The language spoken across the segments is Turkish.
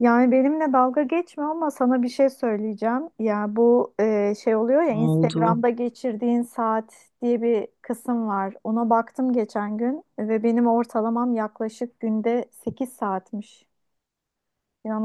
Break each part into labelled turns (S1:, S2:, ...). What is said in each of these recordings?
S1: Yani benimle dalga geçme ama sana bir şey söyleyeceğim. Ya bu şey oluyor ya
S2: Ne oldu?
S1: Instagram'da geçirdiğin saat diye bir kısım var. Ona baktım geçen gün ve benim ortalamam yaklaşık günde 8 saatmiş.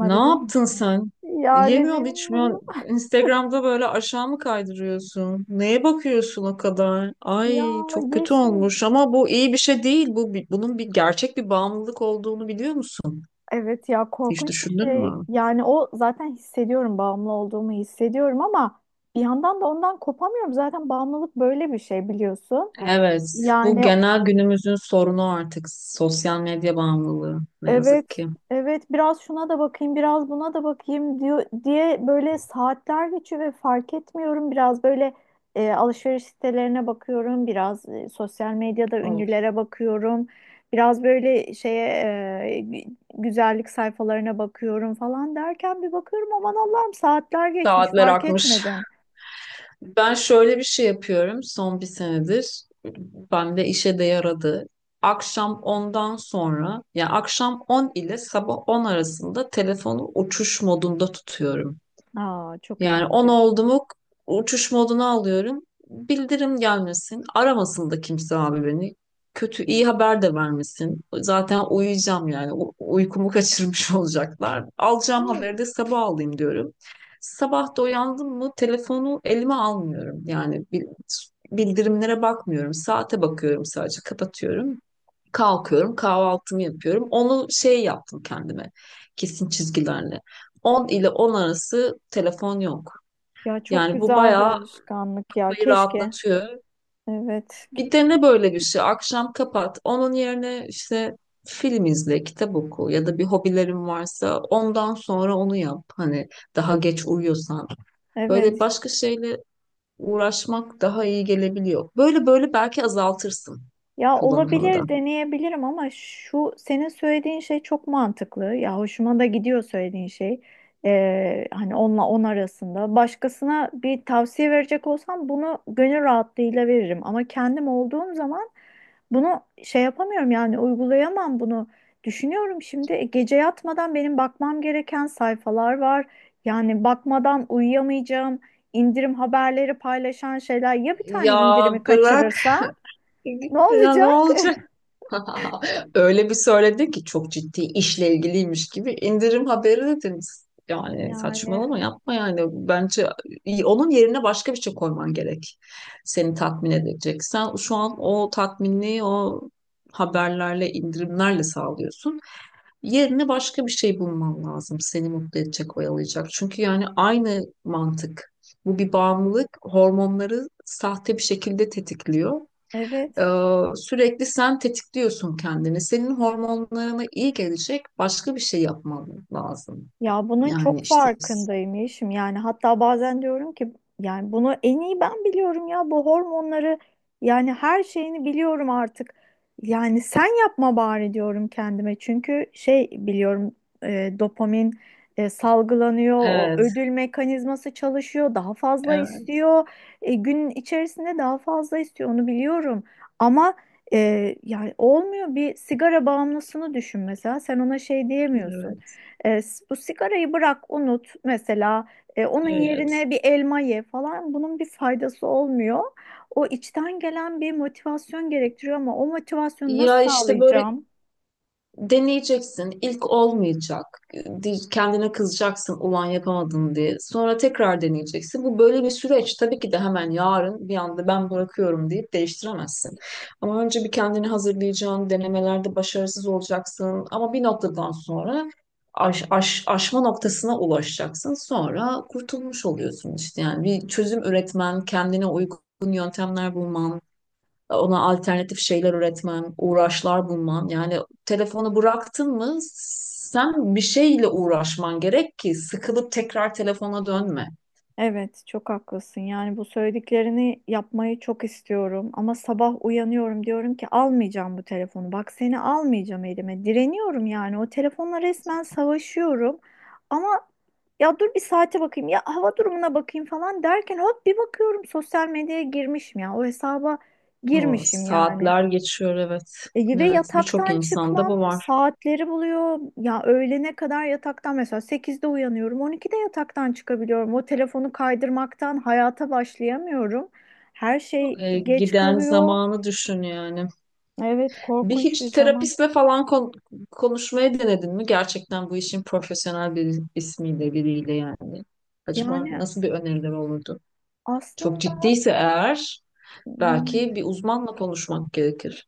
S2: Ne yaptın
S1: musun?
S2: sen?
S1: Yani
S2: Yemiyorsun, içmiyorsun.
S1: bilmiyorum.
S2: Instagram'da böyle aşağı mı kaydırıyorsun? Neye bakıyorsun o kadar?
S1: Ya
S2: Ay çok kötü
S1: Yeşim,
S2: olmuş ama bu iyi bir şey değil. Bunun bir gerçek bir bağımlılık olduğunu biliyor musun?
S1: evet ya
S2: Hiç
S1: korkunç bir
S2: düşündün
S1: şey.
S2: mü?
S1: Yani o zaten hissediyorum bağımlı olduğumu hissediyorum ama bir yandan da ondan kopamıyorum. Zaten bağımlılık böyle bir şey biliyorsun.
S2: Evet, bu
S1: Yani
S2: genel günümüzün sorunu artık sosyal medya bağımlılığı ne
S1: evet,
S2: yazık ki.
S1: evet biraz şuna da bakayım, biraz buna da bakayım diyor diye böyle saatler geçiyor ve fark etmiyorum. Biraz böyle alışveriş sitelerine bakıyorum, biraz sosyal medyada
S2: Of,
S1: ünlülere bakıyorum. Biraz böyle şeye güzellik sayfalarına bakıyorum falan derken bir bakıyorum aman Allah'ım saatler geçmiş
S2: saatler
S1: fark
S2: akmış.
S1: etmedim.
S2: Ben şöyle bir şey yapıyorum son bir senedir. Bende işe de yaradı. Akşam ondan sonra, yani akşam 10 ile sabah 10 arasında telefonu uçuş modunda tutuyorum.
S1: Aa çok iyi
S2: Yani 10
S1: fikir.
S2: oldu mu uçuş moduna alıyorum. Bildirim gelmesin. Aramasın da kimse abi beni. Kötü iyi haber de vermesin. Zaten uyuyacağım yani. Uykumu kaçırmış olacaklar. Alacağım haberi
S1: Doğru.
S2: de sabah alayım diyorum. Sabah da uyandım mı telefonu elime almıyorum. Yani bildirimlere bakmıyorum. Saate bakıyorum sadece kapatıyorum. Kalkıyorum kahvaltımı yapıyorum. Onu şey yaptım kendime kesin çizgilerle. 10 ile 10 arası telefon yok.
S1: Ya çok
S2: Yani bu
S1: güzel bir
S2: bayağı
S1: alışkanlık ya.
S2: kafayı
S1: Keşke.
S2: rahatlatıyor.
S1: Evet.
S2: Bir dene böyle bir şey. Akşam kapat. Onun yerine işte film izle, kitap oku ya da bir hobilerin varsa ondan sonra onu yap. Hani daha geç uyuyorsan. Böyle
S1: Evet.
S2: başka şeyle uğraşmak daha iyi gelebiliyor. Böyle böyle belki azaltırsın
S1: Ya
S2: kullanımını da.
S1: olabilir, deneyebilirim ama şu senin söylediğin şey çok mantıklı. Ya hoşuma da gidiyor söylediğin şey. Hani onunla 10 arasında. Başkasına bir tavsiye verecek olsam bunu gönül rahatlığıyla veririm. Ama kendim olduğum zaman bunu şey yapamıyorum yani uygulayamam bunu. Düşünüyorum şimdi gece yatmadan benim bakmam gereken sayfalar var. Yani bakmadan uyuyamayacağım. İndirim haberleri paylaşan şeyler. Ya bir tane
S2: Ya
S1: indirimi
S2: bırak.
S1: kaçırırsa ne
S2: Ya ne
S1: olacak?
S2: olacak? Öyle bir söyledi ki çok ciddi işle ilgiliymiş gibi indirim haberi dediniz. Yani
S1: Yani
S2: saçmalama yapma yani. Bence onun yerine başka bir şey koyman gerek. Seni tatmin edecek. Sen şu an o tatminliği o haberlerle, indirimlerle sağlıyorsun. Yerine başka bir şey bulman lazım. Seni mutlu edecek, oyalayacak. Çünkü yani aynı mantık. Bu bir bağımlılık. Hormonları sahte bir şekilde tetikliyor.
S1: evet.
S2: Ee, Sürekli sen tetikliyorsun kendini. Senin hormonlarına iyi gelecek başka bir şey yapman lazım.
S1: Ya bunun
S2: Yani
S1: çok
S2: işte
S1: farkındayım Yeşim. Yani hatta bazen diyorum ki yani bunu en iyi ben biliyorum ya bu hormonları yani her şeyini biliyorum artık. Yani sen yapma bari diyorum kendime. Çünkü şey biliyorum dopamin salgılanıyor, o
S2: evet,
S1: ödül mekanizması çalışıyor, daha fazla
S2: evet,
S1: istiyor. Gün içerisinde daha fazla istiyor onu biliyorum. Ama yani olmuyor, bir sigara bağımlısını düşün mesela, sen ona şey diyemiyorsun.
S2: evet,
S1: Bu sigarayı bırak unut mesela. Onun
S2: evet.
S1: yerine bir elma ye falan, bunun bir faydası olmuyor. O içten gelen bir motivasyon gerektiriyor ama o motivasyonu nasıl
S2: Ya işte böyle
S1: sağlayacağım?
S2: deneyeceksin. İlk olmayacak. Kendine kızacaksın ulan yapamadın diye. Sonra tekrar deneyeceksin. Bu böyle bir süreç. Tabii ki de hemen yarın bir anda ben bırakıyorum deyip değiştiremezsin. Ama önce bir kendini hazırlayacaksın. Denemelerde başarısız olacaksın. Ama bir noktadan sonra aşma noktasına ulaşacaksın. Sonra kurtulmuş oluyorsun işte. Yani bir çözüm üretmen, kendine uygun yöntemler bulman, ona alternatif şeyler üretmen, uğraşlar bulman. Yani telefonu bıraktın mı sen bir şeyle uğraşman gerek ki sıkılıp tekrar telefona dönme.
S1: Evet, çok haklısın. Yani bu söylediklerini yapmayı çok istiyorum ama sabah uyanıyorum diyorum ki almayacağım bu telefonu. Bak seni almayacağım elime. Direniyorum yani. O telefonla resmen savaşıyorum. Ama ya dur bir saate bakayım ya hava durumuna bakayım falan derken hop bir bakıyorum sosyal medyaya girmişim ya. O hesaba
S2: O
S1: girmişim yani.
S2: saatler geçiyor, evet.
S1: Ve
S2: Evet, birçok
S1: yataktan
S2: insanda
S1: çıkmam
S2: bu var.
S1: saatleri buluyor. Ya öğlene kadar yataktan, mesela 8'de uyanıyorum, 12'de yataktan çıkabiliyorum. O telefonu kaydırmaktan hayata başlayamıyorum. Her şey
S2: E,
S1: geç
S2: giden
S1: kalıyor.
S2: zamanı düşün yani.
S1: Evet,
S2: Bir
S1: korkunç bir
S2: hiç
S1: zaman.
S2: terapistle falan konuşmayı denedin mi? Gerçekten bu işin profesyonel bir ismiyle biriyle yani. Acaba
S1: Yani
S2: nasıl bir öneriler olurdu? Çok
S1: aslında
S2: ciddiyse eğer
S1: evet,
S2: belki bir uzmanla konuşmak gerekir.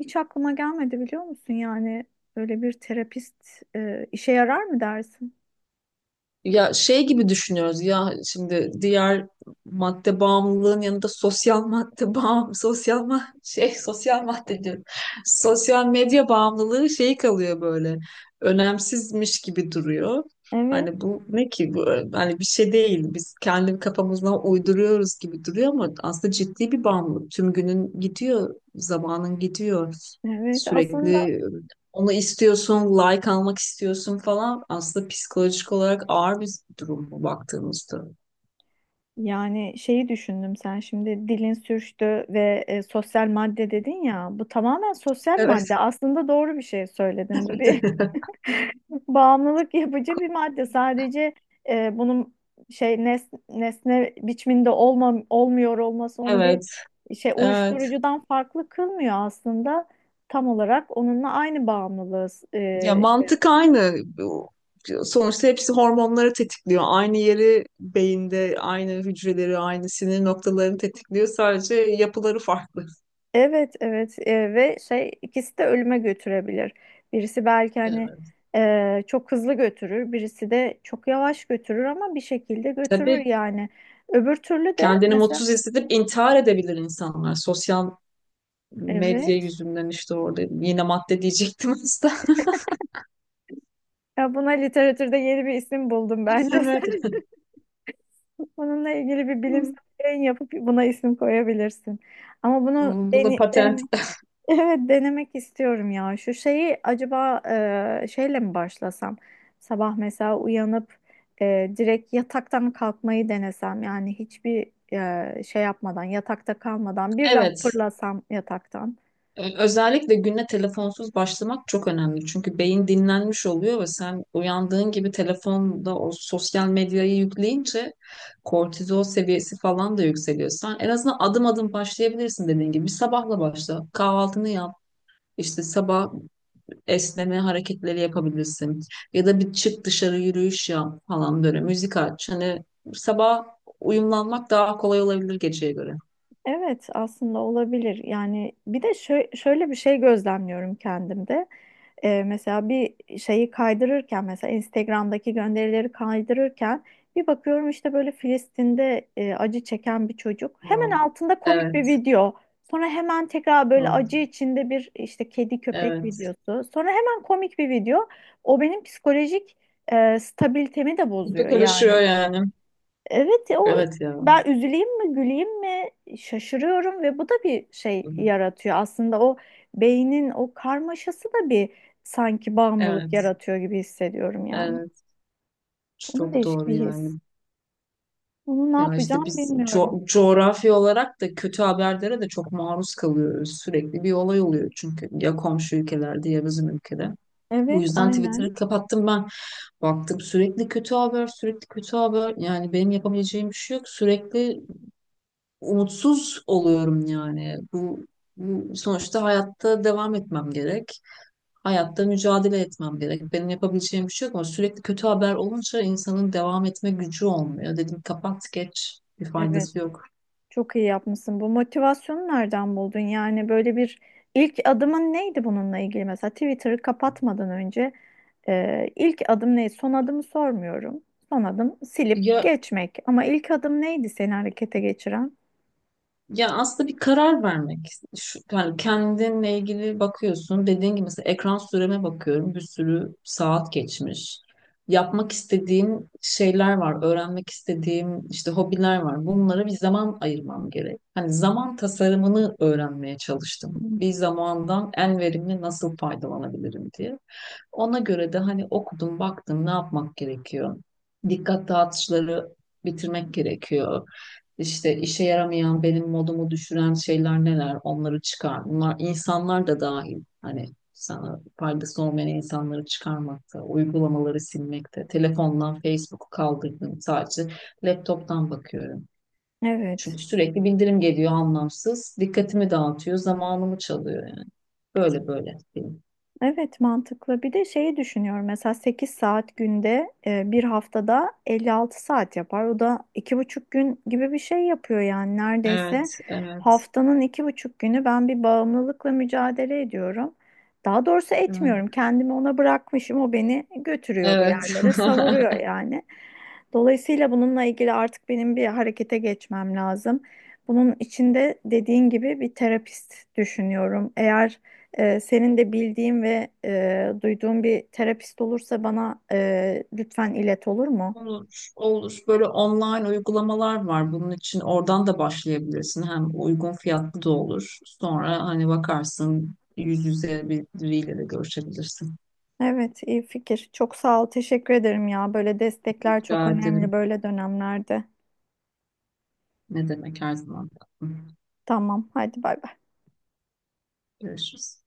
S1: hiç aklıma gelmedi biliyor musun? Yani öyle bir terapist işe yarar mı dersin?
S2: Ya şey gibi düşünüyoruz ya şimdi diğer madde bağımlılığın yanında sosyal madde bağım sosyal ma şey sosyal madde diyorum. Sosyal medya bağımlılığı şey kalıyor böyle önemsizmiş gibi duruyor.
S1: Evet,
S2: Hani bu ne ki bu, hani bir şey değil biz kendi kafamızdan uyduruyoruz gibi duruyor ama aslında ciddi bir bağımlılık. Tüm günün gidiyor, zamanın gidiyor,
S1: evet. Aslında
S2: sürekli onu istiyorsun, like almak istiyorsun falan. Aslında psikolojik olarak ağır bir durum bu baktığımızda.
S1: yani şeyi düşündüm, sen şimdi dilin sürçtü ve sosyal madde dedin ya, bu tamamen sosyal
S2: Evet.
S1: madde aslında, doğru bir şey söyledin, bu bir bağımlılık yapıcı bir madde, sadece bunun nesne biçiminde olma, olmuyor olması onu bir
S2: Evet,
S1: şey
S2: evet.
S1: uyuşturucudan farklı kılmıyor aslında, tam olarak onunla aynı bağımlılığı
S2: Ya
S1: e, şey
S2: mantık aynı. Sonuçta hepsi hormonları tetikliyor. Aynı yeri beyinde, aynı hücreleri, aynı sinir noktalarını tetikliyor. Sadece yapıları farklı.
S1: evet, evet ve şey ikisi de ölüme götürebilir. Birisi belki hani
S2: Evet.
S1: çok hızlı götürür, birisi de çok yavaş götürür ama bir şekilde götürür
S2: Tabii
S1: yani. Öbür türlü de
S2: kendini
S1: mesela
S2: mutsuz hissedip intihar edebilir insanlar. Sosyal medya
S1: evet
S2: yüzünden işte orada yine madde diyecektim aslında.
S1: ya, buna literatürde yeni bir isim buldum bence.
S2: Evet.
S1: Sen bununla ilgili bir bilimsel yayın yapıp buna isim koyabilirsin. Ama bunu
S2: Bunu
S1: dene,
S2: patent
S1: deneme- Evet, denemek istiyorum ya. Şu şeyi acaba şeyle mi başlasam? Sabah mesela uyanıp direkt yataktan kalkmayı denesem, yani hiçbir şey yapmadan, yatakta kalmadan birden
S2: evet,
S1: fırlasam yataktan.
S2: özellikle güne telefonsuz başlamak çok önemli. Çünkü beyin dinlenmiş oluyor ve sen uyandığın gibi telefonda o sosyal medyayı yükleyince kortizol seviyesi falan da yükseliyor. Sen en azından adım adım başlayabilirsin dediğin gibi. Bir sabahla başla, kahvaltını yap. İşte sabah esneme hareketleri yapabilirsin. Ya da bir çık dışarı yürüyüş yap falan böyle. Müzik aç. Hani sabah uyumlanmak daha kolay olabilir geceye göre.
S1: Evet aslında olabilir. Yani bir de şöyle bir şey gözlemliyorum kendimde. Mesela bir şeyi kaydırırken, mesela Instagram'daki gönderileri kaydırırken bir bakıyorum işte böyle Filistin'de acı çeken bir çocuk. Hemen
S2: Wow.
S1: altında komik bir
S2: Evet.
S1: video. Sonra hemen tekrar böyle
S2: Evet.
S1: acı içinde bir işte kedi köpek
S2: Evet.
S1: videosu. Sonra hemen komik bir video. O benim psikolojik stabilitemi de
S2: İpi
S1: bozuyor
S2: karışıyor
S1: yani.
S2: yani.
S1: Evet o
S2: Evet ya.
S1: ben üzüleyim mi güleyim mi şaşırıyorum ve bu da bir şey yaratıyor. Aslında o beynin o karmaşası da bir sanki bağımlılık
S2: Evet,
S1: yaratıyor gibi hissediyorum yani.
S2: evet.
S1: O da
S2: Çok
S1: değişik
S2: doğru
S1: bir his.
S2: yani.
S1: Bunu ne
S2: Ya
S1: yapacağım
S2: işte biz
S1: bilmiyorum.
S2: coğrafi olarak da kötü haberlere de çok maruz kalıyoruz. Sürekli bir olay oluyor çünkü ya komşu ülkelerde ya bizim ülkede. Bu
S1: Evet
S2: yüzden
S1: aynen.
S2: Twitter'ı kapattım ben. Baktım sürekli kötü haber, sürekli kötü haber. Yani benim yapabileceğim bir şey yok. Sürekli umutsuz oluyorum yani. Bu sonuçta hayatta devam etmem gerek. Hayatta mücadele etmem gerek. Benim yapabileceğim bir şey yok ama sürekli kötü haber olunca insanın devam etme gücü olmuyor. Dedim kapat geç bir
S1: Evet.
S2: faydası yok.
S1: Çok iyi yapmışsın. Bu motivasyonu nereden buldun? Yani böyle bir ilk adımın neydi bununla ilgili? Mesela Twitter'ı kapatmadan önce ilk adım neydi? Son adımı sormuyorum. Son adım silip
S2: Ya,
S1: geçmek. Ama ilk adım neydi seni harekete geçiren?
S2: ya aslında bir karar vermek. Şu, yani kendinle ilgili bakıyorsun. Dediğin gibi mesela ekran süreme bakıyorum. Bir sürü saat geçmiş. Yapmak istediğim şeyler var. Öğrenmek istediğim işte hobiler var. Bunlara bir zaman ayırmam gerek. Hani zaman tasarımını öğrenmeye çalıştım.
S1: Hmm.
S2: Bir zamandan en verimli nasıl faydalanabilirim diye. Ona göre de hani okudum, baktım ne yapmak gerekiyor. Dikkat dağıtıcıları bitirmek gerekiyor, işte işe yaramayan, benim modumu düşüren şeyler neler? Onları çıkar. Bunlar insanlar da dahil. Hani sana faydası olmayan insanları çıkarmakta, uygulamaları silmekte, telefondan Facebook'u kaldırdım. Sadece laptop'tan bakıyorum. Çünkü
S1: Evet.
S2: sürekli bildirim geliyor anlamsız. Dikkatimi dağıtıyor, zamanımı çalıyor yani. Böyle böyle. Benim.
S1: Evet mantıklı. Bir de şeyi düşünüyorum. Mesela 8 saat günde bir haftada 56 saat yapar. O da 2,5 gün gibi bir şey yapıyor yani, neredeyse.
S2: Evet, evet,
S1: Haftanın 2,5 günü ben bir bağımlılıkla mücadele ediyorum. Daha doğrusu etmiyorum.
S2: evet.
S1: Kendimi ona bırakmışım. O beni götürüyor bir
S2: Evet.
S1: yerlere, savuruyor yani. Dolayısıyla bununla ilgili artık benim bir harekete geçmem lazım. Bunun içinde dediğin gibi bir terapist düşünüyorum. Eğer senin de bildiğin ve duyduğun bir terapist olursa bana lütfen ilet, olur mu?
S2: Olur, olur. Böyle online uygulamalar var bunun için. Oradan da başlayabilirsin. Hem uygun fiyatlı da olur. Sonra hani bakarsın yüz yüze biriyle de görüşebilirsin.
S1: Evet, iyi fikir. Çok sağ ol, teşekkür ederim ya. Böyle destekler çok
S2: Rica ederim.
S1: önemli böyle dönemlerde.
S2: Ne demek her zaman.
S1: Tamam, hadi bay bay.
S2: Görüşürüz.